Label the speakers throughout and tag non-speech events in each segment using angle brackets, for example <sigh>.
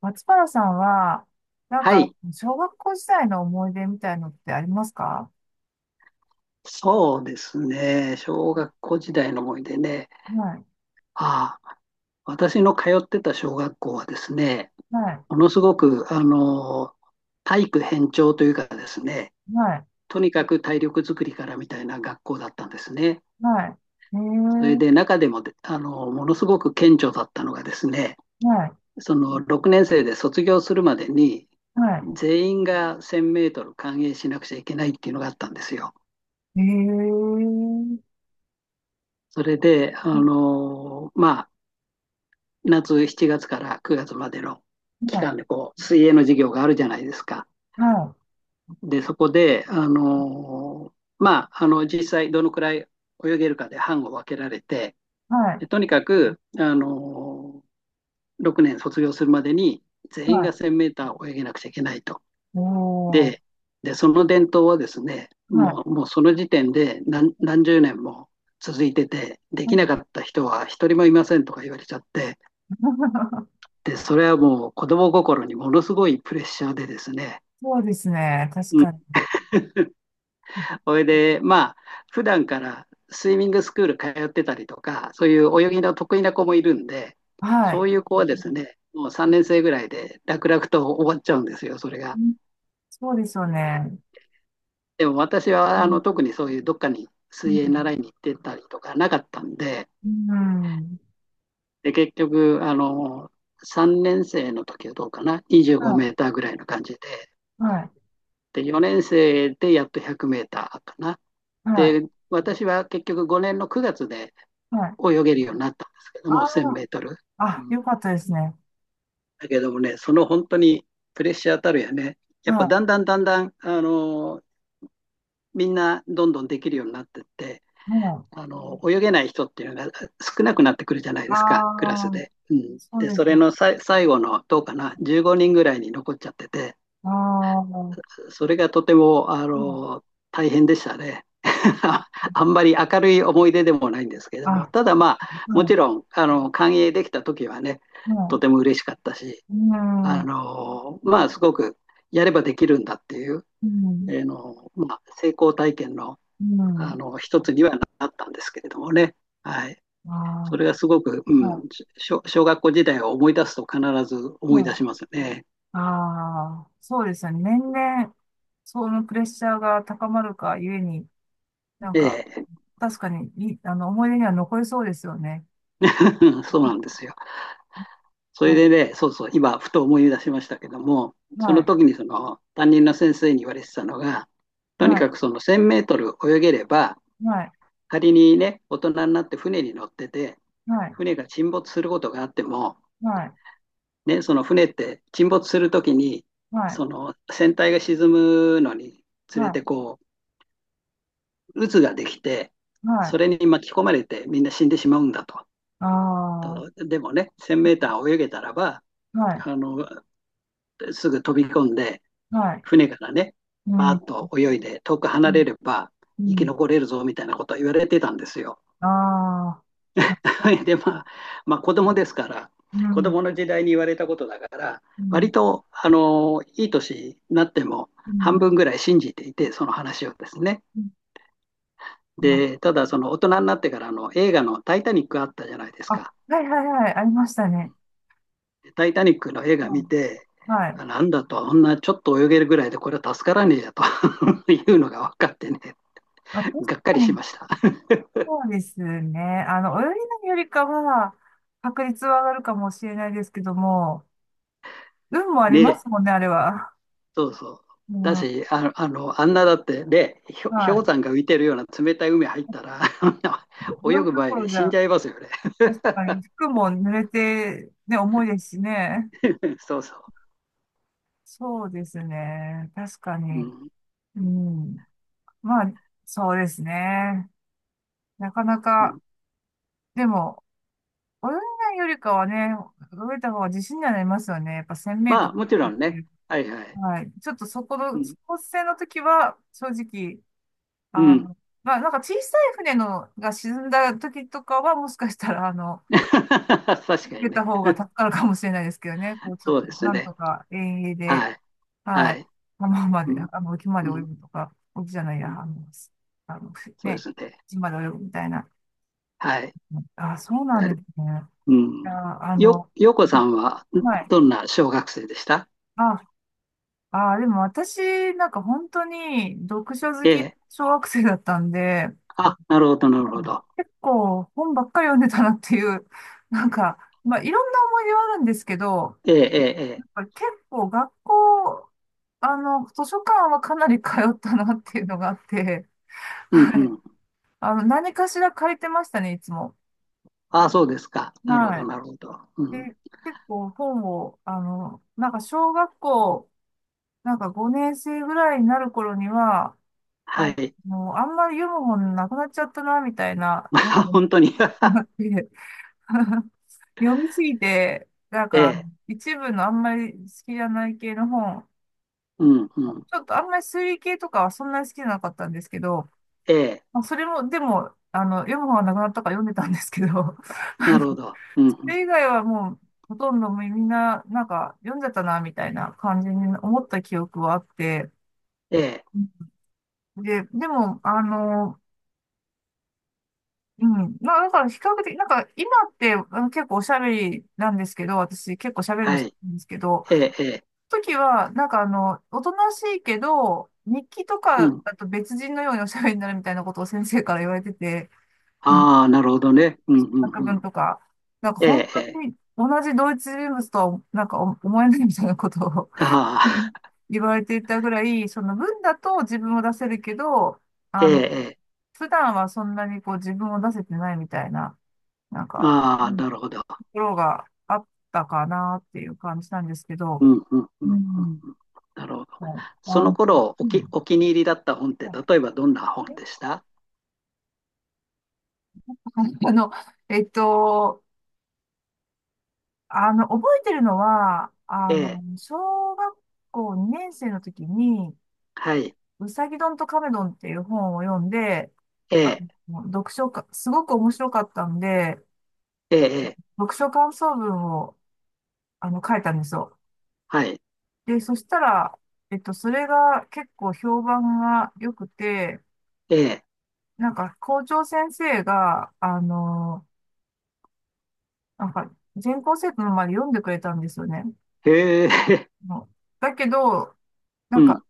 Speaker 1: 松原さんは、なん
Speaker 2: は
Speaker 1: か、
Speaker 2: い、
Speaker 1: 小学校時代の思い出みたいのってありますか？
Speaker 2: そうですね。小学校時代の思い出ね。
Speaker 1: はい、
Speaker 2: ああ、私の通ってた小学校はですね、
Speaker 1: はい、
Speaker 2: ものすごく、体育偏重というかですね、
Speaker 1: はい、
Speaker 2: とにかく体力づくりからみたいな学校だったんですね。
Speaker 1: はい。
Speaker 2: それで中でもで、ものすごく顕著だったのがですね、
Speaker 1: はい、
Speaker 2: その6年生で卒業するまでに、
Speaker 1: は
Speaker 2: 全員が1000メートル完泳しなくちゃいけないっていうのがあったんですよ。
Speaker 1: い。
Speaker 2: それで、夏7月から9月までの期
Speaker 1: はい、
Speaker 2: 間でこう水泳の授業があるじゃないですか。
Speaker 1: は
Speaker 2: で、そこで、実際どのくらい泳げるかで班を分けられて、
Speaker 1: い、はい、
Speaker 2: とにかく、6年卒業するまでに全
Speaker 1: は
Speaker 2: 員が
Speaker 1: い。
Speaker 2: 1000メーター泳げなくちゃいけないと。
Speaker 1: おー、
Speaker 2: で、でその伝統はですね、
Speaker 1: はい。
Speaker 2: もうその時点で何十年も続いてて、できなかった人は一人もいませんとか言われちゃって、
Speaker 1: <laughs>
Speaker 2: で、それはもう子供心にものすごいプレッシャーでですね。
Speaker 1: そうですね、確
Speaker 2: う
Speaker 1: か
Speaker 2: ん。
Speaker 1: に。
Speaker 2: それで、普段からスイミングスクール通ってたりとか、そういう泳ぎの得意な子もいるんで、
Speaker 1: は
Speaker 2: そ
Speaker 1: い。
Speaker 2: ういう子はですね、もう3年生ぐらいで楽々と終わっちゃうんですよ、それ
Speaker 1: う
Speaker 2: が。
Speaker 1: ん。そうですよね。
Speaker 2: でも私
Speaker 1: う
Speaker 2: は
Speaker 1: ん、
Speaker 2: 特にそういうどっかに
Speaker 1: う
Speaker 2: 水泳習
Speaker 1: ん、
Speaker 2: いに行ってたりとかなかったんで、
Speaker 1: うん。
Speaker 2: で結局3年生の時はどうかな、25
Speaker 1: は
Speaker 2: メーターぐらいの感じで、
Speaker 1: い、はい、
Speaker 2: で4年生でやっと100メーターかな。
Speaker 1: はい、
Speaker 2: で、私は結局5年の9月で
Speaker 1: はい。
Speaker 2: 泳げるようになったんですけども、1000
Speaker 1: あ
Speaker 2: メートル。
Speaker 1: あ、
Speaker 2: う
Speaker 1: あ、
Speaker 2: ん、
Speaker 1: よかったですね。
Speaker 2: だけどもね、その本当にプレッシャーたるやね、やっぱ
Speaker 1: は
Speaker 2: だんだんだんだん、みんなどんどんできるようになってって、
Speaker 1: い、はい。
Speaker 2: 泳げない人っていうのが少なくなってくるじゃない
Speaker 1: あ
Speaker 2: ですか、クラス
Speaker 1: あー、
Speaker 2: で。うん、
Speaker 1: そう
Speaker 2: で、
Speaker 1: で
Speaker 2: そ
Speaker 1: す
Speaker 2: れ
Speaker 1: ね。
Speaker 2: のさ最後のどうかな、15人ぐらいに残っちゃってて、
Speaker 1: ああ、う
Speaker 2: それがとても
Speaker 1: ん、
Speaker 2: 大変でしたね。<laughs> あんまり明るい思い出でもないんですけども、
Speaker 1: あ、
Speaker 2: ただまあ、
Speaker 1: う
Speaker 2: もち
Speaker 1: ん、
Speaker 2: ろん、歓迎できた時はね、
Speaker 1: う
Speaker 2: と
Speaker 1: ん、
Speaker 2: ても嬉しかったし、
Speaker 1: うん、
Speaker 2: すごくやればできるんだっていう、
Speaker 1: うん、
Speaker 2: の、成功体験の、
Speaker 1: うん、
Speaker 2: 一つにはなったんですけれどもね。はい。
Speaker 1: あ
Speaker 2: それがすごく、う
Speaker 1: あ、
Speaker 2: ん、
Speaker 1: は
Speaker 2: 小学校時代を思い出すと必ず
Speaker 1: い、
Speaker 2: 思い
Speaker 1: は
Speaker 2: 出
Speaker 1: い。
Speaker 2: しますね。
Speaker 1: ああ、そうですよね。年々、そのプレッシャーが高まるかゆえに、なん
Speaker 2: え
Speaker 1: か、
Speaker 2: え。
Speaker 1: 確かに、あの、思い出には残りそうですよね。
Speaker 2: <laughs> そうなんですよ。それ
Speaker 1: は
Speaker 2: でね、そうそう、今、ふと思い出しましたけども、
Speaker 1: い、
Speaker 2: そ
Speaker 1: は
Speaker 2: の
Speaker 1: い、
Speaker 2: 時にその担任の先生に言われてたのが、
Speaker 1: は
Speaker 2: とに
Speaker 1: い、
Speaker 2: かくその1000メートル泳げれば、
Speaker 1: はい、
Speaker 2: 仮にね、大人になって船に乗ってて、
Speaker 1: はい、
Speaker 2: 船が沈没することがあっても、
Speaker 1: はい、
Speaker 2: ね、その船って沈没するときに、
Speaker 1: はい、
Speaker 2: その船体が沈むのにつ
Speaker 1: は
Speaker 2: れ
Speaker 1: い、
Speaker 2: てこう渦ができて、
Speaker 1: はい、
Speaker 2: それに巻き込まれてみんな死んでしまうんだと。
Speaker 1: ああ、は
Speaker 2: とでもね、1000メーター泳げたらば、
Speaker 1: い、
Speaker 2: あのすぐ飛び込んで、
Speaker 1: はい、
Speaker 2: 船からね、
Speaker 1: う
Speaker 2: バー
Speaker 1: ん、
Speaker 2: ッと泳いで遠く
Speaker 1: う
Speaker 2: 離れ
Speaker 1: ん、
Speaker 2: れば
Speaker 1: う
Speaker 2: 生き
Speaker 1: ん。
Speaker 2: 残れるぞみたいなことを言われてたんですよ。
Speaker 1: ああ、な
Speaker 2: <laughs> で、まあ、子供ですから、
Speaker 1: う
Speaker 2: 子
Speaker 1: ん、
Speaker 2: 供の時代に言われたことだから、
Speaker 1: う
Speaker 2: 割
Speaker 1: ん、
Speaker 2: と、いい年になっても
Speaker 1: う
Speaker 2: 半
Speaker 1: ん、
Speaker 2: 分ぐらい信じていて、その話をですね。
Speaker 1: うん。
Speaker 2: で、ただ、その大人になってからの映画のタイタニックあったじゃないです
Speaker 1: あ、あ、
Speaker 2: か。
Speaker 1: はいはいはい、ありましたね。
Speaker 2: でタイタニックの映画
Speaker 1: はい。
Speaker 2: 見て、
Speaker 1: はい。
Speaker 2: あなんだと、あんなちょっと泳げるぐらいでこれは助からねえやと <laughs> いうのが分かってね、
Speaker 1: まあ、確
Speaker 2: がっか
Speaker 1: か
Speaker 2: りし
Speaker 1: に、
Speaker 2: ました。
Speaker 1: そうですね。あの、泳ぎのよりかは、確率は上がるかもしれないですけども、運もありま
Speaker 2: で、
Speaker 1: すもんね、あれは。
Speaker 2: そうそう。
Speaker 1: うん、
Speaker 2: だ
Speaker 1: は
Speaker 2: し、あの、あの、あんなだって、で、氷山が浮いてるような冷たい海入ったら、<laughs> あんな
Speaker 1: い。泳
Speaker 2: 泳
Speaker 1: ぐ
Speaker 2: ぐ
Speaker 1: ど
Speaker 2: 前
Speaker 1: ころ
Speaker 2: に
Speaker 1: じ
Speaker 2: 死ん
Speaker 1: ゃ、
Speaker 2: じゃいますよね。
Speaker 1: 確かに、服も濡れて、ね、重いですしね。
Speaker 2: <laughs> そうそ
Speaker 1: そうですね。確か
Speaker 2: う。う
Speaker 1: に。
Speaker 2: ん。
Speaker 1: うん。まあ、そうですね。なかな
Speaker 2: う
Speaker 1: か、
Speaker 2: ん、
Speaker 1: でも、泳げないよりかはね、泳いだ方が自信にはなりますよね。やっぱ1000メー
Speaker 2: ま
Speaker 1: ト
Speaker 2: あ、もちろんね。
Speaker 1: ル。
Speaker 2: はいはい。
Speaker 1: はい。ちょっとそこ
Speaker 2: う
Speaker 1: の、
Speaker 2: ん。
Speaker 1: スポーツ船の時は、正直、
Speaker 2: う
Speaker 1: あ
Speaker 2: ん。
Speaker 1: の、まあ、なんか小さい船のが沈んだ時とかは、もしかしたら、あの、
Speaker 2: <laughs> 確
Speaker 1: 受
Speaker 2: かに
Speaker 1: けた
Speaker 2: ね。
Speaker 1: 方が助かるかもしれないですけどね。こう、ちょっ
Speaker 2: そう
Speaker 1: と、
Speaker 2: です
Speaker 1: なん
Speaker 2: ね。
Speaker 1: とか遠泳で、
Speaker 2: はい。
Speaker 1: は
Speaker 2: は
Speaker 1: い。
Speaker 2: い。
Speaker 1: 浜ま
Speaker 2: う
Speaker 1: で、
Speaker 2: ん。
Speaker 1: あの、沖まで
Speaker 2: う
Speaker 1: 泳
Speaker 2: ん。
Speaker 1: ぐとか、沖じゃないや、あの、あの
Speaker 2: そうで
Speaker 1: ね、
Speaker 2: すね。
Speaker 1: 島まで泳ぐみたいな。
Speaker 2: はい。
Speaker 1: あ、そう
Speaker 2: あ
Speaker 1: なんで
Speaker 2: れ、
Speaker 1: すね。い
Speaker 2: うん。
Speaker 1: や、あ
Speaker 2: よ、
Speaker 1: の、
Speaker 2: よこさんは、
Speaker 1: はい。
Speaker 2: どんな小学生でした？
Speaker 1: あ、あー、でも私、なんか本当に読書好
Speaker 2: え
Speaker 1: き、
Speaker 2: え。
Speaker 1: 小学生だったんで、
Speaker 2: あ、なるほど、なるほど。
Speaker 1: 結構本ばっかり読んでたなっていう、<laughs> なんか、まあいろんな思い出はあるんですけど、
Speaker 2: ええ、ええ、え
Speaker 1: や
Speaker 2: え。
Speaker 1: っぱ結構学校、あの、図書館はかなり通ったなっていうのがあって、
Speaker 2: うん、
Speaker 1: はい。
Speaker 2: うん。
Speaker 1: あの、何かしら借りてましたね、いつも。
Speaker 2: ああ、そうですか。なるほ
Speaker 1: は
Speaker 2: ど、
Speaker 1: い。
Speaker 2: なるほど。う
Speaker 1: で、
Speaker 2: ん。
Speaker 1: 結構本を、あの、なんか小学校、なんか5年生ぐらいになる頃には、あ、
Speaker 2: はい。<laughs>
Speaker 1: もう、あんまり読む本なくなっちゃったな、みたいな。
Speaker 2: まあ、本当に。
Speaker 1: <laughs>
Speaker 2: <laughs>
Speaker 1: 読みすぎて、なん
Speaker 2: え
Speaker 1: か、
Speaker 2: え、
Speaker 1: 一部のあんまり好きじゃない系の本、
Speaker 2: うん、うん。
Speaker 1: ちょっとあんまり推理系とかはそんなに好きじゃなかったんですけど、
Speaker 2: ええ、
Speaker 1: まあ、それも、でも、あの、読む本はなくなったから読んでたんですけど、<laughs> あ
Speaker 2: な
Speaker 1: の、
Speaker 2: るほど。うん、う
Speaker 1: そ
Speaker 2: ん。
Speaker 1: れ以外はもう、ほとんどみんな、なんか、読んじゃったな、みたいな感じに思った記憶はあって、
Speaker 2: ええ、
Speaker 1: で、でも、あの、うん。まあ、だから比較的、なんか今ってあの結構おしゃべりなんですけど、私結構しゃべるの
Speaker 2: は
Speaker 1: 好き
Speaker 2: い。
Speaker 1: なんですけど、
Speaker 2: ええ、ええ、
Speaker 1: 時はなんかあの、おとなしいけど、日記と
Speaker 2: う
Speaker 1: か
Speaker 2: ん。
Speaker 1: だと別人のようにおしゃべりになるみたいなことを先生から言われてて、あ
Speaker 2: ああ、なるほどね。うん、うん、
Speaker 1: 作
Speaker 2: う
Speaker 1: 文
Speaker 2: ん。
Speaker 1: とか、なんか
Speaker 2: え
Speaker 1: 本
Speaker 2: え、え
Speaker 1: 当
Speaker 2: え、
Speaker 1: に同一人物とはなんか思えないみたいなことを、
Speaker 2: あ
Speaker 1: <laughs>
Speaker 2: あ。
Speaker 1: 言われていたぐらい、その文だと自分を出せるけど、
Speaker 2: <laughs> え
Speaker 1: あ
Speaker 2: え、
Speaker 1: の、
Speaker 2: え
Speaker 1: 普段はそんなにこう自分を出せてないみたいな、なん
Speaker 2: え、
Speaker 1: か、
Speaker 2: あ
Speaker 1: う
Speaker 2: あ、
Speaker 1: ん、
Speaker 2: なるほど。
Speaker 1: ころがあったかなっていう感じなんですけど、
Speaker 2: うん、うん、うん、う
Speaker 1: う
Speaker 2: んうん。
Speaker 1: ん。
Speaker 2: なるほど。
Speaker 1: もう
Speaker 2: そ
Speaker 1: ワ
Speaker 2: の
Speaker 1: ン、
Speaker 2: 頃、
Speaker 1: うん、
Speaker 2: お気に入りだった本っ
Speaker 1: ま
Speaker 2: て、例えばどんな本
Speaker 1: あ、え、
Speaker 2: でした？
Speaker 1: <laughs> あの、えっと、あの、覚えてるのは、
Speaker 2: え
Speaker 1: あの、
Speaker 2: え、
Speaker 1: 小学校2年生の時に、
Speaker 2: はい。
Speaker 1: うさぎどんとカメドンっていう本を読んで、
Speaker 2: え
Speaker 1: あ
Speaker 2: え、
Speaker 1: の、読書か、すごく面白かったんで、
Speaker 2: ええ、ええ。
Speaker 1: 読書感想文を、あの、書いたんですよ。
Speaker 2: はい。
Speaker 1: で、そしたら、それが結構評判が良くて、
Speaker 2: ええ、
Speaker 1: なんか校長先生が、あの、なんか全校生徒の前で読んでくれたんですよね。
Speaker 2: へえ。
Speaker 1: もうだけど、
Speaker 2: <laughs>
Speaker 1: な
Speaker 2: う
Speaker 1: んか
Speaker 2: ん。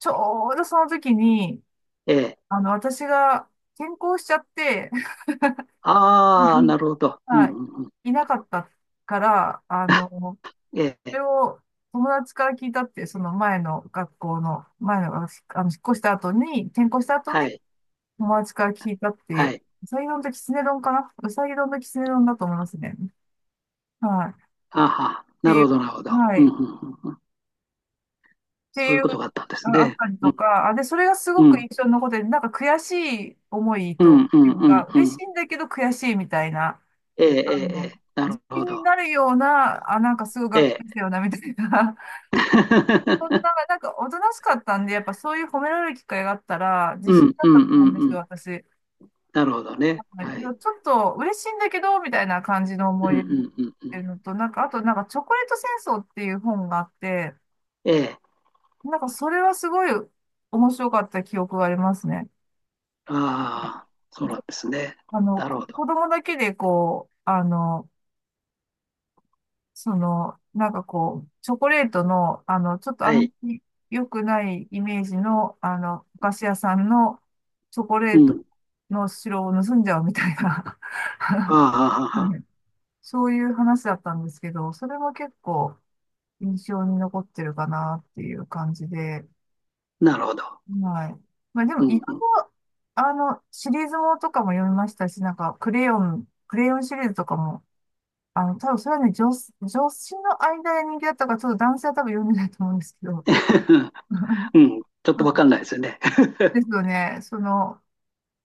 Speaker 1: ちょうどその時に、
Speaker 2: ええ。
Speaker 1: あの、私が転校しちゃって、
Speaker 2: ああ、な
Speaker 1: <laughs>
Speaker 2: るほど。うんう
Speaker 1: はい、
Speaker 2: んうん。
Speaker 1: いなかったから、あの、そ
Speaker 2: え
Speaker 1: れ
Speaker 2: え、
Speaker 1: を友達から聞いたって、その前の学校の、前の、あの、引っ越した後に、転校した後に
Speaker 2: はい、
Speaker 1: 友達から聞いたってい
Speaker 2: は
Speaker 1: う、
Speaker 2: い。
Speaker 1: うさぎ丼ときつね丼かな、うさぎ丼ときつね丼だと思いますね。はい。
Speaker 2: ああは、
Speaker 1: て
Speaker 2: なる
Speaker 1: い
Speaker 2: ほ
Speaker 1: う、
Speaker 2: ど、なるほど。
Speaker 1: は
Speaker 2: うんう
Speaker 1: い。っ
Speaker 2: んうんうん。
Speaker 1: て
Speaker 2: そうい
Speaker 1: い
Speaker 2: う
Speaker 1: う、
Speaker 2: ことがあったんで
Speaker 1: あ
Speaker 2: す
Speaker 1: あっ
Speaker 2: ね。
Speaker 1: たり
Speaker 2: う
Speaker 1: と
Speaker 2: ん、
Speaker 1: か、あ、で、それがすご
Speaker 2: う
Speaker 1: く
Speaker 2: ん、
Speaker 1: 印象に残ってて、なんか悔しい思い
Speaker 2: う
Speaker 1: と
Speaker 2: ん、う
Speaker 1: い
Speaker 2: ん、
Speaker 1: う
Speaker 2: う
Speaker 1: か、
Speaker 2: んう
Speaker 1: 嬉し
Speaker 2: ん。
Speaker 1: いんだけど悔しいみたいな、
Speaker 2: ええ、え
Speaker 1: あ
Speaker 2: え、え
Speaker 1: の、
Speaker 2: え。な
Speaker 1: 自
Speaker 2: るほ
Speaker 1: 信に
Speaker 2: ど。
Speaker 1: なるような、あ、なんかすごいが
Speaker 2: え
Speaker 1: っか
Speaker 2: え。
Speaker 1: りしたよな、みたいな。<laughs> そん
Speaker 2: <laughs>
Speaker 1: な、なんかおとなしかったんで、やっぱそういう褒められる機会があったら、自
Speaker 2: う
Speaker 1: 信
Speaker 2: ん、
Speaker 1: だ
Speaker 2: う
Speaker 1: った
Speaker 2: ん、
Speaker 1: と
Speaker 2: う
Speaker 1: 思うんで
Speaker 2: ん、
Speaker 1: す
Speaker 2: う
Speaker 1: よ、
Speaker 2: ん。
Speaker 1: 私。
Speaker 2: なるほどね。
Speaker 1: はい、
Speaker 2: は
Speaker 1: で
Speaker 2: い。
Speaker 1: もちょっと嬉しいんだけど、みたいな感じの
Speaker 2: うん、
Speaker 1: 思い出
Speaker 2: う
Speaker 1: になっ
Speaker 2: ん、うん、う
Speaker 1: てる
Speaker 2: ん。
Speaker 1: のと、なんか、あと、なんか、チョコレート戦争っていう本があって、
Speaker 2: ええ、
Speaker 1: なんかそれはすごい面白かった記憶がありますね。
Speaker 2: ああ、そう
Speaker 1: ご、
Speaker 2: なんですね。
Speaker 1: あの、
Speaker 2: なる
Speaker 1: こ、
Speaker 2: ほど。
Speaker 1: 子供だけでこう、あの、その、なんかこう、チョコレートの、あの、ちょっとあ
Speaker 2: は
Speaker 1: んま
Speaker 2: い。
Speaker 1: り良くないイメージの、あの、お菓子屋さんのチョコレ
Speaker 2: う
Speaker 1: ート
Speaker 2: ん。
Speaker 1: の白を盗んじゃうみたいな、
Speaker 2: ああ、
Speaker 1: <laughs>
Speaker 2: はあ、はあ。
Speaker 1: そういう話だったんですけど、それも結構印象に残ってるかなっていう感じで、
Speaker 2: なるほど。
Speaker 1: はい。まあでも、
Speaker 2: う
Speaker 1: いろい
Speaker 2: ん、うん。
Speaker 1: ろ、あの、シリーズものとかも読みましたし、なんか、クレヨンシリーズとかも、あの、多分それはね、女子の間で人気だったから、ちょっと男性は多分読んでないと思うんですけど。
Speaker 2: <laughs>
Speaker 1: <laughs>
Speaker 2: うん、ちょっとわかんないですよね。
Speaker 1: ですよね。その、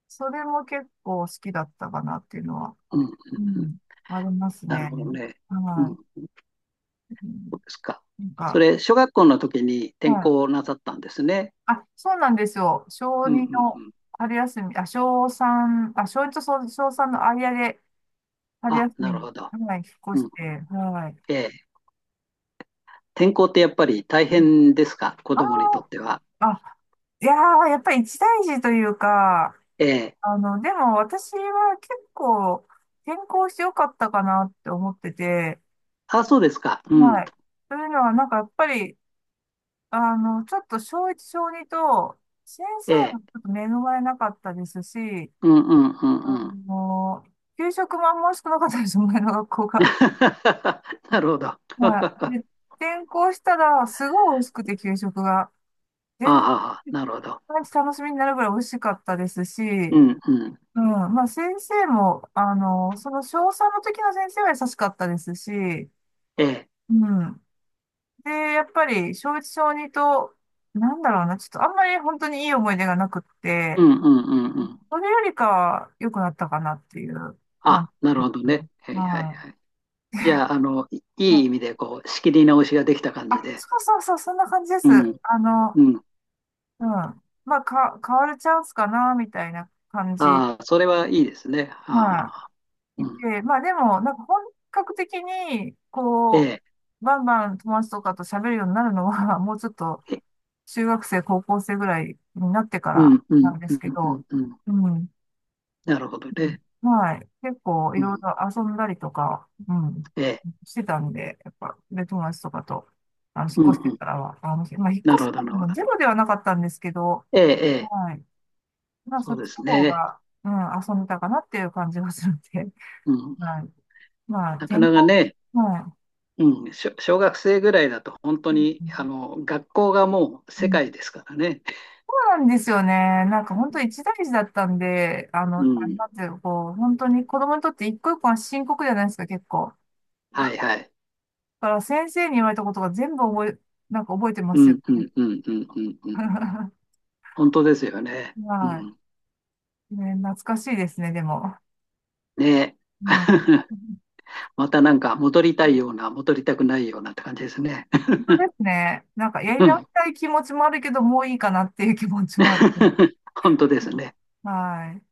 Speaker 1: それも結構好きだったかなっていうのは、
Speaker 2: うん、うん
Speaker 1: う
Speaker 2: うん。
Speaker 1: ん、あります
Speaker 2: なる
Speaker 1: ね。
Speaker 2: ほどね。うん、
Speaker 1: はい。う
Speaker 2: そ
Speaker 1: ん、
Speaker 2: うですか。
Speaker 1: なん
Speaker 2: そ
Speaker 1: か、
Speaker 2: れ、小学校の時に転
Speaker 1: はい。
Speaker 2: 校なさったんですね。
Speaker 1: あ、そうなんですよ。小
Speaker 2: うん、う
Speaker 1: 2
Speaker 2: ん、う
Speaker 1: の
Speaker 2: ん。
Speaker 1: 春休み、あ、小三、あ、小一と小3の間で、春
Speaker 2: あ、
Speaker 1: 休
Speaker 2: な
Speaker 1: みに、
Speaker 2: るほど。
Speaker 1: はい、引っ越
Speaker 2: う
Speaker 1: し
Speaker 2: ん。
Speaker 1: て、はい。
Speaker 2: ええ、転校ってやっぱり大変ですか、子
Speaker 1: あ、
Speaker 2: 供にとっては。
Speaker 1: ああ、いやー、やっぱり一大事というか、
Speaker 2: ええ、
Speaker 1: あの、でも私は結構転校してよかったかなって思ってて、
Speaker 2: あ、そうですか。う
Speaker 1: は
Speaker 2: ん。
Speaker 1: い。というのは、なんかやっぱり、あの、ちょっと小一小二と、先
Speaker 2: え
Speaker 1: 生
Speaker 2: え、
Speaker 1: もちょっと恵まれなかったですし、
Speaker 2: うん、うん、うん、
Speaker 1: あ
Speaker 2: うん。
Speaker 1: の、給食もあんま美味しくなかったです、前の学校が。
Speaker 2: <laughs> なるほど。<laughs>
Speaker 1: はい。
Speaker 2: あ
Speaker 1: で、転校したら、すごい美味しくて、給食が。全
Speaker 2: あ、
Speaker 1: 然
Speaker 2: なるほど。
Speaker 1: 毎日楽しみになるぐらい美味しかったですし、
Speaker 2: うん、うん。
Speaker 1: うん、まあ先生も、あの、その小三の時の先生は優しかったですし、
Speaker 2: ええ、
Speaker 1: うん。で、やっぱり小一小二と、なんだろうな、ちょっとあんまり本当にいい思い出がなくっ
Speaker 2: う
Speaker 1: て、
Speaker 2: ん、うん、うん、うん。
Speaker 1: それよりかは良くなったかなっていう感
Speaker 2: あ、なる
Speaker 1: じです。
Speaker 2: ほどね。はい、はい、
Speaker 1: はい。
Speaker 2: はい。じゃあ、い
Speaker 1: う
Speaker 2: いい意
Speaker 1: ん、
Speaker 2: 味で、こう、仕切り直しができた感
Speaker 1: あ、
Speaker 2: じで。
Speaker 1: そうそうそう、そんな感じで
Speaker 2: う
Speaker 1: す。
Speaker 2: ん、
Speaker 1: あの、
Speaker 2: うん。
Speaker 1: うん。まあ、か、変わるチャンスかな、みたいな感じ。
Speaker 2: ああ、それはいいですね。はあはあ
Speaker 1: は
Speaker 2: はあ。
Speaker 1: い、
Speaker 2: う
Speaker 1: い
Speaker 2: ん、
Speaker 1: て、まあでも、なんか本格的に、
Speaker 2: え
Speaker 1: こ
Speaker 2: え、
Speaker 1: う、バンバン友達とかと喋るようになるのは、もうちょっと
Speaker 2: え
Speaker 1: 中学生、高校生ぐらいになってか
Speaker 2: う
Speaker 1: ら
Speaker 2: ん、う
Speaker 1: な
Speaker 2: ん、
Speaker 1: んで
Speaker 2: う
Speaker 1: す
Speaker 2: ん、
Speaker 1: け
Speaker 2: う
Speaker 1: ど、
Speaker 2: ん、うん。
Speaker 1: うん。うん、
Speaker 2: なるほどね。
Speaker 1: はい。結構い
Speaker 2: う
Speaker 1: ろい
Speaker 2: ん、
Speaker 1: ろ遊んだりとか、うん、
Speaker 2: ええ、
Speaker 1: してたんで、やっぱ、で、友達とかと、あの、引っ
Speaker 2: うん、
Speaker 1: 越して
Speaker 2: うん。
Speaker 1: からは、あの、まあ、引っ
Speaker 2: な
Speaker 1: 越
Speaker 2: る
Speaker 1: す
Speaker 2: ほど、なるほ
Speaker 1: のも
Speaker 2: ど。
Speaker 1: ゼロではなかったんですけど、
Speaker 2: ええ、ええ、
Speaker 1: はい。まあ、
Speaker 2: そ
Speaker 1: そ
Speaker 2: う
Speaker 1: っ
Speaker 2: で
Speaker 1: ち
Speaker 2: す
Speaker 1: の方
Speaker 2: ね。
Speaker 1: が、うん、遊んでたかなっていう感じがするんで、
Speaker 2: うん、
Speaker 1: はい。まあ、
Speaker 2: なか
Speaker 1: 健
Speaker 2: な
Speaker 1: 康、
Speaker 2: かね、
Speaker 1: は
Speaker 2: うん、小学生ぐらいだと本当
Speaker 1: い。う
Speaker 2: に、
Speaker 1: ん、
Speaker 2: 学校がもう
Speaker 1: う
Speaker 2: 世
Speaker 1: ん、
Speaker 2: 界ですからね。
Speaker 1: そうなんですよね。なんか本当一大事だったんで、あの、
Speaker 2: う
Speaker 1: あれ
Speaker 2: ん、
Speaker 1: なんていうのこう、本当に子供にとって一個一個は深刻じゃないですか、結構。
Speaker 2: は
Speaker 1: だ
Speaker 2: いはい。
Speaker 1: から先生に言われたことが全部覚え、なんか覚えてま
Speaker 2: う
Speaker 1: すよ
Speaker 2: ん、う
Speaker 1: ね。
Speaker 2: ん、うん、うん、うん。うん。
Speaker 1: <laughs>
Speaker 2: 本当ですよね。う
Speaker 1: は
Speaker 2: ん、
Speaker 1: い。ね、懐かしいですね、でも。
Speaker 2: ねえ。
Speaker 1: うん、本
Speaker 2: <laughs> またなんか戻りたいような、戻りたくないようなって感じですね。
Speaker 1: 当ですね。なんかや
Speaker 2: <laughs>
Speaker 1: り
Speaker 2: う
Speaker 1: 直し
Speaker 2: ん。
Speaker 1: たい気持ちもあるけど、もういいかなっていう気持ちもある。
Speaker 2: <laughs> 本
Speaker 1: <laughs>
Speaker 2: 当ですね。
Speaker 1: はい。